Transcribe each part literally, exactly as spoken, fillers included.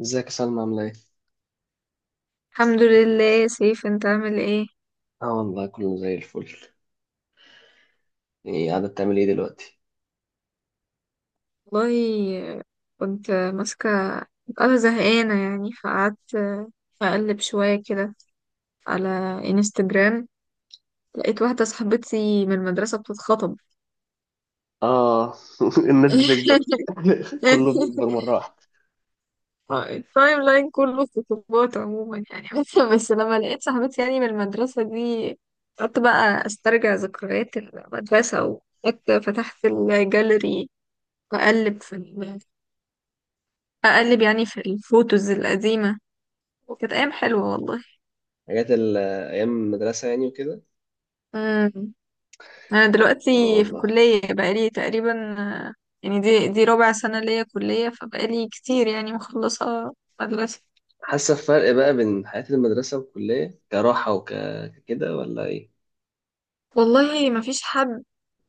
ازيك يا سلمى عاملة ايه؟ الحمد لله، سيف. انت عامل ايه؟ اه والله كله زي الفل. ايه قاعدة بتعمل ايه دلوقتي؟ والله، كنت ماسكة. انا زهقانة يعني فقعدت اقلب شوية كده على انستجرام. لقيت واحدة صاحبتي من المدرسة بتتخطب. اه. الناس بتكبر. كله بيكبر مرة واحدة. التايم لاين كله خطوبات عموما يعني. بس لما لقيت صاحبتي يعني من المدرسة دي، قعدت بقى استرجع ذكريات المدرسة. وقعدت فتحت الجاليري، وأقلب في اقلب يعني في الفوتوز القديمة. كانت ايام حلوة والله. حاجات ال- أيام المدرسة يعني وكده. امم انا دلوقتي اه في والله. كلية بقالي تقريبا. آه، يعني دي دي رابع سنة ليا كلية، فبقالي كتير يعني مخلصة مدرسة. حاسة بفرق بقى بين حياة المدرسة والكلية كراحة وكده ولا ايه؟ والله، ما فيش حد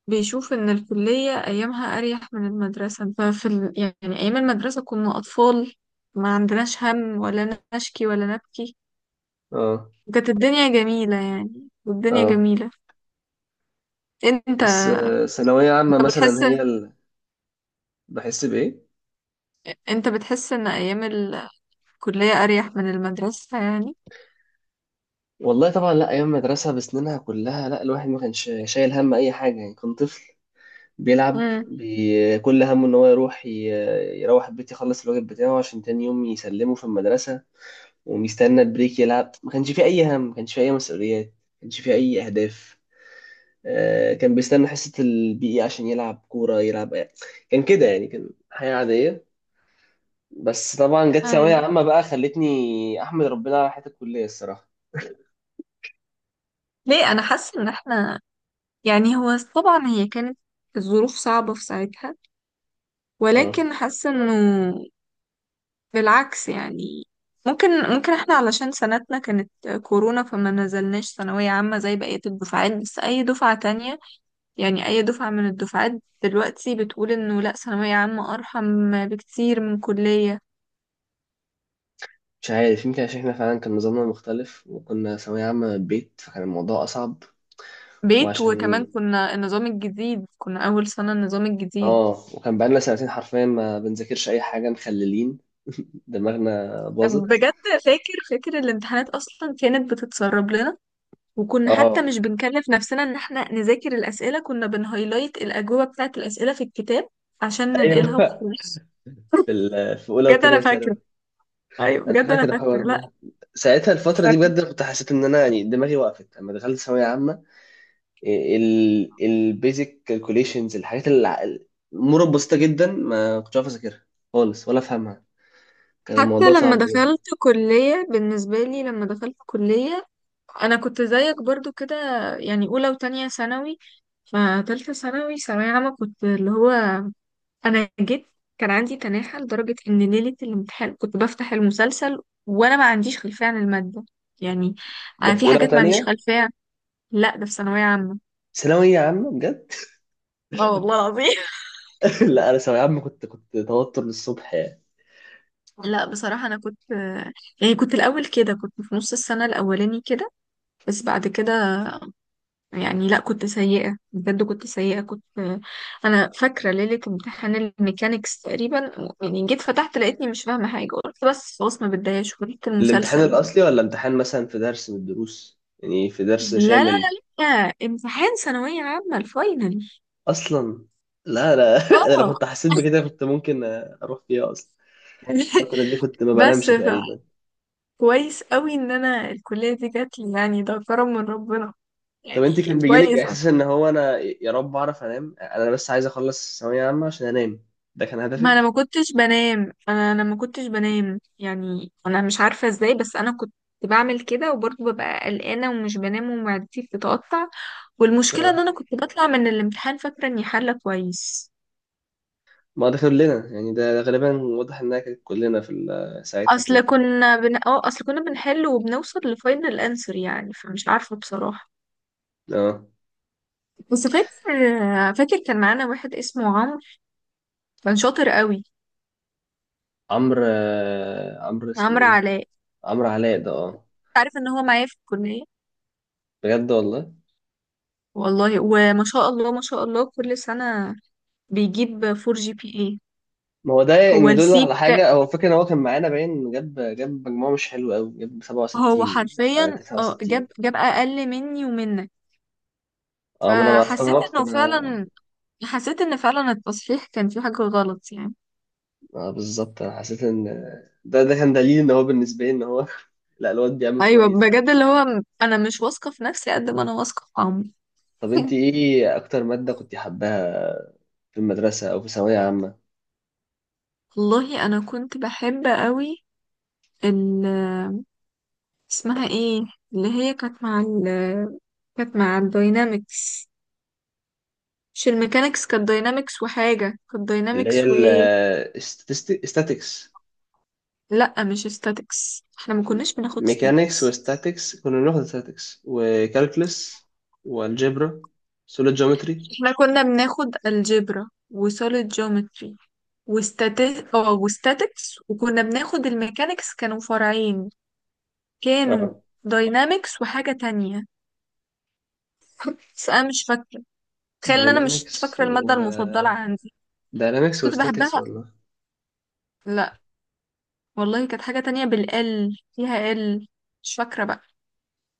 بيشوف ان الكلية ايامها اريح من المدرسة. ففي ال... يعني ايام المدرسة كنا اطفال، ما عندناش هم ولا نشكي ولا نبكي. اه. وكانت الدنيا جميلة يعني، والدنيا اه جميلة. انت بس آه، ثانوية عامة مثلا بتحس هي ال... بحس بإيه؟ انت بتحس ان ايام ال... كلية أريح من المدرسة يعني. والله طبعا، لا، أيام المدرسة بسنينها كلها، لا الواحد ما كانش شايل هم أي حاجة، يعني كان طفل بيلعب امم، بي... كل همه ان هو يروح ي... يروح البيت يخلص الواجب بتاعه عشان تاني يوم يسلمه في المدرسة، ومستنى البريك يلعب، ما كانش فيه اي هم، ما كانش فيه اي مسؤوليات، ما كانش فيه اي اهداف. آه كان بيستنى حصة البي إي عشان يلعب كورة يلعب. كان كده يعني، كان حياة عادية. بس طبعا جت ثانوية أيوة. عامة بقى خلتني احمد ربنا على حياة الكلية الصراحة. ليه أنا حاسة إن إحنا، يعني هو طبعا هي كانت الظروف صعبة في ساعتها، اه ولكن حاسة إنه بالعكس يعني. ممكن ممكن إحنا، علشان سنتنا كانت كورونا، فما نزلناش ثانوية عامة زي بقية الدفعات. بس أي دفعة تانية، يعني أي دفعة من الدفعات دلوقتي، بتقول إنه لأ، ثانوية عامة أرحم بكتير من كلية. مش عارف، يمكن عشان احنا فعلا كان نظامنا مختلف وكنا ثانوية عامة من البيت فكان الموضوع أصعب. بيت، وكمان وعشان كنا النظام الجديد، كنا أول سنة النظام الجديد. اه وكان بقالنا سنتين حرفيا ما بنذاكرش اي حاجه مخللين. دماغنا باظت. بجد، فاكر فاكر الامتحانات اصلا كانت بتتسرب لنا. وكنا حتى اه مش بنكلف نفسنا ان احنا نذاكر الاسئله، كنا بنهايلايت الاجوبه بتاعه الاسئله في الكتاب عشان ايوه. ننقلها وخلاص. في ال- في اولى بجد انا وثانيه ثانوي. فاكره. ايوه، انا بجد انا فاكر الحوار فاكره. لا، ده. ساعتها الفتره دي فاكره. بجد أنا كنت حسيت ان انا يعني دماغي وقفت لما دخلت ثانويه عامه. البيزك كالكوليشنز، الحاجات اللي، امور بسيطه جدا ما كنتش عارف اذاكرها خالص ولا افهمها. كان حتى الموضوع لما صعب جدا. دخلت كليه، بالنسبه لي لما دخلت كليه، انا كنت زيك برضو كده. يعني اولى وتانية ثانوي. فتالتة ثانوي، ثانوية عامة، كنت اللي هو، انا جيت. كان عندي تناحة لدرجة ان ليلة الامتحان كنت بفتح المسلسل، وانا ما عنديش خلفية عن المادة يعني. ده انا في في اولى حاجات ما عنديش وثانيه. خلفية. لا، ده في ثانوية عامة. ثانويه عامه بجد. اه، والله العظيم. لا انا ثانويه عامه كنت كنت توتر للصبح يعني. لا بصراحة انا كنت، يعني كنت الاول كده، كنت في نص السنة الاولاني كده، بس بعد كده يعني لا، كنت سيئة بجد، كنت سيئة كنت. انا فاكرة ليلة امتحان الميكانيكس تقريبا. يعني جيت فتحت لقيتني مش فاهمة حاجة، قلت بس خلاص ما بتضايقش وقلت الامتحان المسلسل. الأصلي ولا امتحان مثلا في درس من الدروس يعني في درس لا، لا، لا، شامل؟ لا، امتحان ثانوية عامة الفاينل. أصلا لا لا. أنا لو اه. كنت حسيت بكده كنت ممكن أروح فيها أصلا. الفترة دي كنت ما بنامش بس ف- تقريبا. كويس قوي ان انا الكلية دي جات لي، يعني ده كرم من ربنا طب أنت يعني كان بيجيلك كويس. إحساس إن هو أنا يا رب أعرف أنام، أنا بس عايز أخلص ثانوية عامة عشان أنام؟ ده كان ما انا هدفك؟ ما كنتش بنام. انا انا ما كنتش بنام يعني، انا مش عارفة ازاي، بس انا كنت بعمل كده وبرضه ببقى قلقانة ومش بنام ومعدتي بتتقطع. والمشكلة ان آه. انا كنت بطلع من الامتحان فاكرة اني حالة كويس. ما ده كلنا يعني، ده ده غالبا واضح إنها كانت كلنا في ال- ساعتها كان اصل كده. كنا بن... اه اصل كنا بنحل وبنوصل لفاينل انسر يعني، فمش عارفة بصراحة. آه بس فاكر فاكر كان معانا واحد اسمه عمرو، كان شاطر قوي. عمرو، آه، عمرو اسمه عمرو إيه؟ علاء. عمرو علاء ده آه. عارف ان هو معايا في الكلية. بجد والله. والله، وما شاء الله ما شاء الله، كل سنة بيجيب فور جي بي اي. ما هو ده هو ان دول السيت، على حاجه، هو فكره ان هو كان معانا باين جاب جاب مجموعه مش حلوه قوي، جاب هو سبعة وستين. آه، حرفيا اه تسعة وستين. جاب جاب اقل مني ومنك. اه ما انا ما فحسيت استغربت انه انا. فعلا حسيت ان فعلا التصحيح كان فيه حاجة غلط يعني. اه بالظبط انا حسيت ان ده ده كان دليل ان هو بالنسبه لي ان هو، لا الواد بيعمل ايوه، كويس بجد، عادي. اللي هو انا مش واثقه في نفسي قد ما انا واثقه في عمري. طب انت ايه اكتر ماده كنت حباها في المدرسه او في ثانويه عامه؟ والله، انا كنت بحب قوي ال اسمها ايه؟ اللي هي كانت مع ال كانت مع الداينامكس. مش الميكانكس، كانت داينامكس وحاجه، كانت اللي هي داينامكس وايه. الاستاتيكس؟ لا، مش statics، احنا ما كناش بناخد ميكانيكس statics. وستاتيكس، كنا بناخد statistics وكالكلس والجبرا، سوليد جيومتري. احنا كنا بناخد الجبرا وسوليد جيومتري، وستاتيك اه وستاتكس، وكنا بناخد الميكانكس. كانوا فرعين، كانوا داينامكس وحاجة تانية. بس أنا مش فاكرة. تخيل إن أنا مش داينامكس فاكرة و المادة المفضلة عندي. بس داينامكس كنت وستاتكس بحبها. والله. لا، والله كانت حاجة تانية بالال فيها ال مش فاكرة بقى.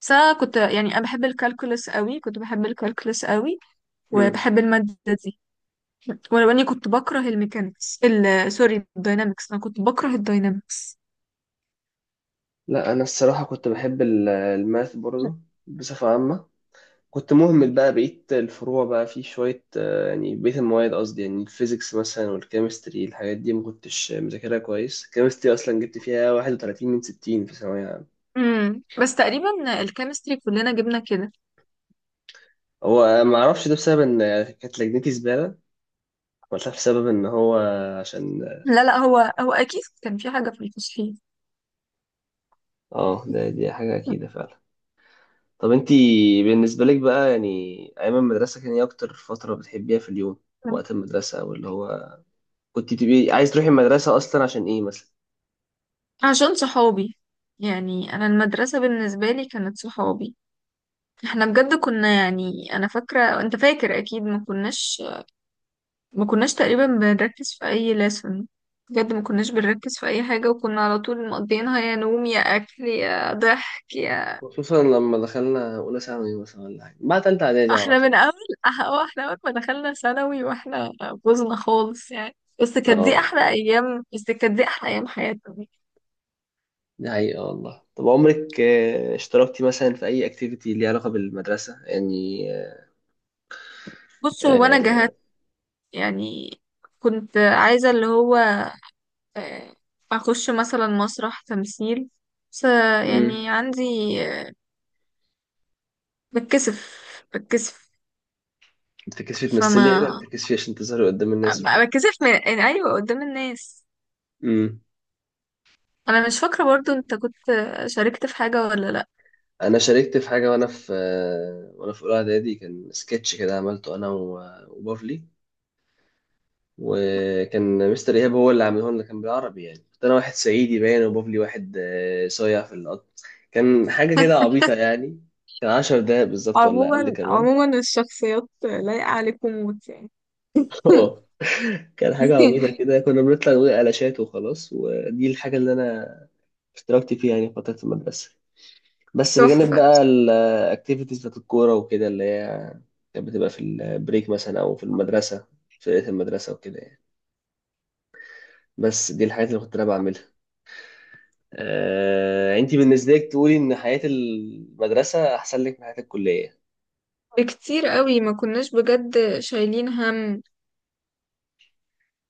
بس أنا كنت، يعني أنا بحب الكالكولس قوي، كنت بحب الكالكولس قوي، مم. وبحب المادة دي. ولو إني كنت بكره الميكانيكس، ال سوري، الداينامكس. أنا كنت بكره الداينامكس. لا انا الصراحه كنت بحب ال- الماث برضه بصفه عامه. كنت مهمل بقى بقيه الفروع بقى في شويه، آه، يعني بقيه المواد قصدي، يعني الفيزيكس مثلا والكيمستري الحاجات دي ما كنتش مذاكرها كويس. الكيمستري اصلا جبت فيها واحد وثلاثين من ستين في ثانويه عامه. امم بس تقريبا الكيمستري كلنا جبنا كده. هو ما اعرفش ده بسبب ان كانت لجنتي زباله ولا بسبب ان هو، عشان. لا، لا، هو هو اكيد كان في حاجه في الفصحية. اه آه، ده دي حاجه اكيده فعلا. طب انتي بالنسبة لك بقى يعني أيام المدرسة كان ايه أكتر فترة بتحبيها في اليوم؟ وقت المدرسة أو اللي هو كنت تبقي عايز تروحي المدرسة أصلا عشان ايه مثلا؟ عشان صحابي. يعني انا المدرسة بالنسبة لي كانت صحابي. احنا بجد كنا، يعني انا فاكرة، انت فاكر اكيد ما كناش ما كناش تقريبا بنركز في اي لسن. بجد ما كناش بنركز في اي حاجة، وكنا على طول مقضيينها يا نوم يا اكل يا ضحك يا. خصوصا لما دخلنا أولى ثانوي مثلا ولا حاجة، بعد تالتة إعدادي على احنا من طول. اول أح- اه احنا اول ما دخلنا ثانوي، واحنا بوظنا خالص يعني. بس كانت دي اه احلى ايام بس كانت دي احلى ايام حياتنا. دي حقيقة والله. طب عمرك آه، اشتركتي مثلا في أي أكتيفيتي ليها علاقة بالمدرسة يعني؟ بصوا، وانا جهت آه، يعني، كنت عايزة اللي هو آه، اخش مثلا مسرح تمثيل. بس آه، امم. يعني عندي آه، بتكسف بتكسف. بتركز فيه تمثل فما لي، بتركز فيه عشان تظهري قدام الناس ب- وكده. بتكسف من، يعني ايوه، قدام الناس. امم. انا مش فاكره برضو، انت كنت شاركت في حاجه ولا لا؟ انا شاركت في حاجه وانا في، وانا في اولى اعدادي، كان سكتش كده عملته انا و- وبافلي، وكان مستر ايهاب هو اللي عامله لنا، كان بالعربي يعني، كنت انا واحد صعيدي باين وبافلي واحد آه، صايع في القط. كان حاجه كده عبيطه يعني. كان عشر دقايق بالظبط ولا اقل عموما كمان. عموما الشخصيات لايقه عليكم موت يعني. اه كان حاجه عبيطه كده، كنا بنطلع نقول قلاشات وخلاص، ودي الحاجه اللي انا اشتركت فيها يعني في فتره المدرسه. بس بجانب تحفه. بقى الاكتيفيتيز بتاعت الكورة وكده، اللي هي كانت بتبقى في البريك مثلا أو في المدرسة، في فرقة المدرسة وكده يعني. بس دي الحاجات اللي كنت أنا بعملها. آه، أنت بالنسبة لك تقولي إن حياة المدرسة أحسن لك من حياة الكلية. بكتير قوي، ما كناش بجد شايلين هم.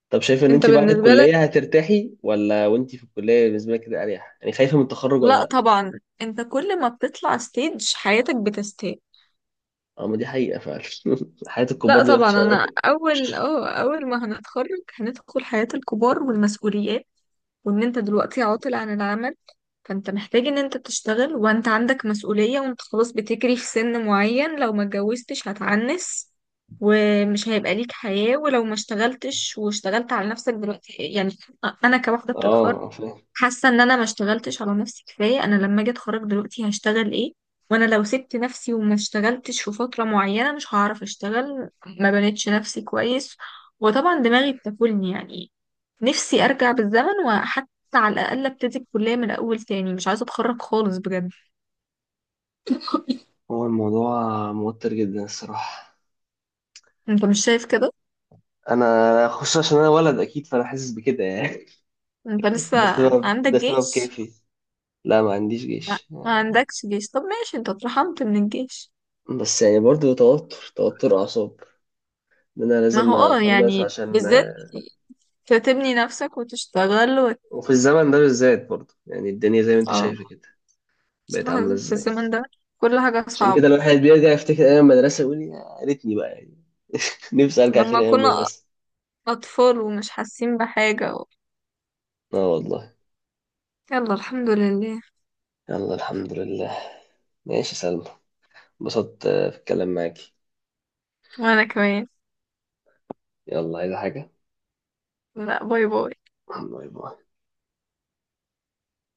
طب شايفة إن انت أنت بعد بالنسبه لك؟ الكلية هترتاحي ولا وأنت في الكلية بالنسبة لك كده أريح؟ يعني خايفة من التخرج ولا لا لأ؟ طبعا، انت كل ما بتطلع ستيج حياتك بتستاهل. أه ما دي حقيقة فعلا. حياة لا الكبار دي طبعا، وحشة انا أوي. اول اه اول ما هنتخرج هندخل حياة الكبار والمسؤوليات. وان انت دلوقتي عاطل عن العمل، فانت محتاج ان انت تشتغل وانت عندك مسؤولية، وانت خلاص بتجري في سن معين، لو ما اتجوزتش هتعنس. ومش هيبقى ليك حياة، ولو ما اشتغلتش واشتغلت على نفسك دلوقتي يعني. انا كواحدة بتتخرج، أه فاهم. حاسه ان انا ما اشتغلتش على نفسي كفايه. انا لما اجي اتخرج دلوقتي هشتغل ايه؟ وانا لو سبت نفسي وما اشتغلتش في فتره معينه مش هعرف اشتغل. ما بنيتش نفسي كويس، وطبعا دماغي بتاكلني يعني. نفسي ارجع بالزمن، وحتى على الاقل ابتدي الكليه من الاول تاني. مش عايزه اتخرج خالص بجد. هو الموضوع موتر جدا الصراحة. انت مش شايف كده؟ انا خصوصا عشان انا ولد اكيد فانا حاسس بكده يعني. انت لسه ده سبب، عندك ده سبب جيش؟ كافي. لا ما عنديش ما جيش. ما عندكش جيش. طب ماشي، انت اترحمت من الجيش. بس يعني برضو توتر، توتر اعصاب ان انا ما هو لازم اه اخلص يعني عشان. بالذات، تبني نفسك وتشتغل وت... وفي الزمن ده بالذات برضو يعني، الدنيا زي ما انت اه، شايفه كده بقت عامله بصراحة في ازاي. الزمن ده كل حاجة عشان صعبة. كده الواحد بيرجع يفتكر ايام المدرسه يقول يا ريتني بقى يعني. نفسي ارجع لما تاني ايام كنا المدرسه. أطفال ومش حاسين بحاجة و... اه والله. يلا، الحمد لله. يلا الحمد لله. ماشي يا سلمى، انبسطت آه، في الكلام معاكي. وأنا كمان. يلا عايزه حاجه؟ لا، باي باي. باي باي.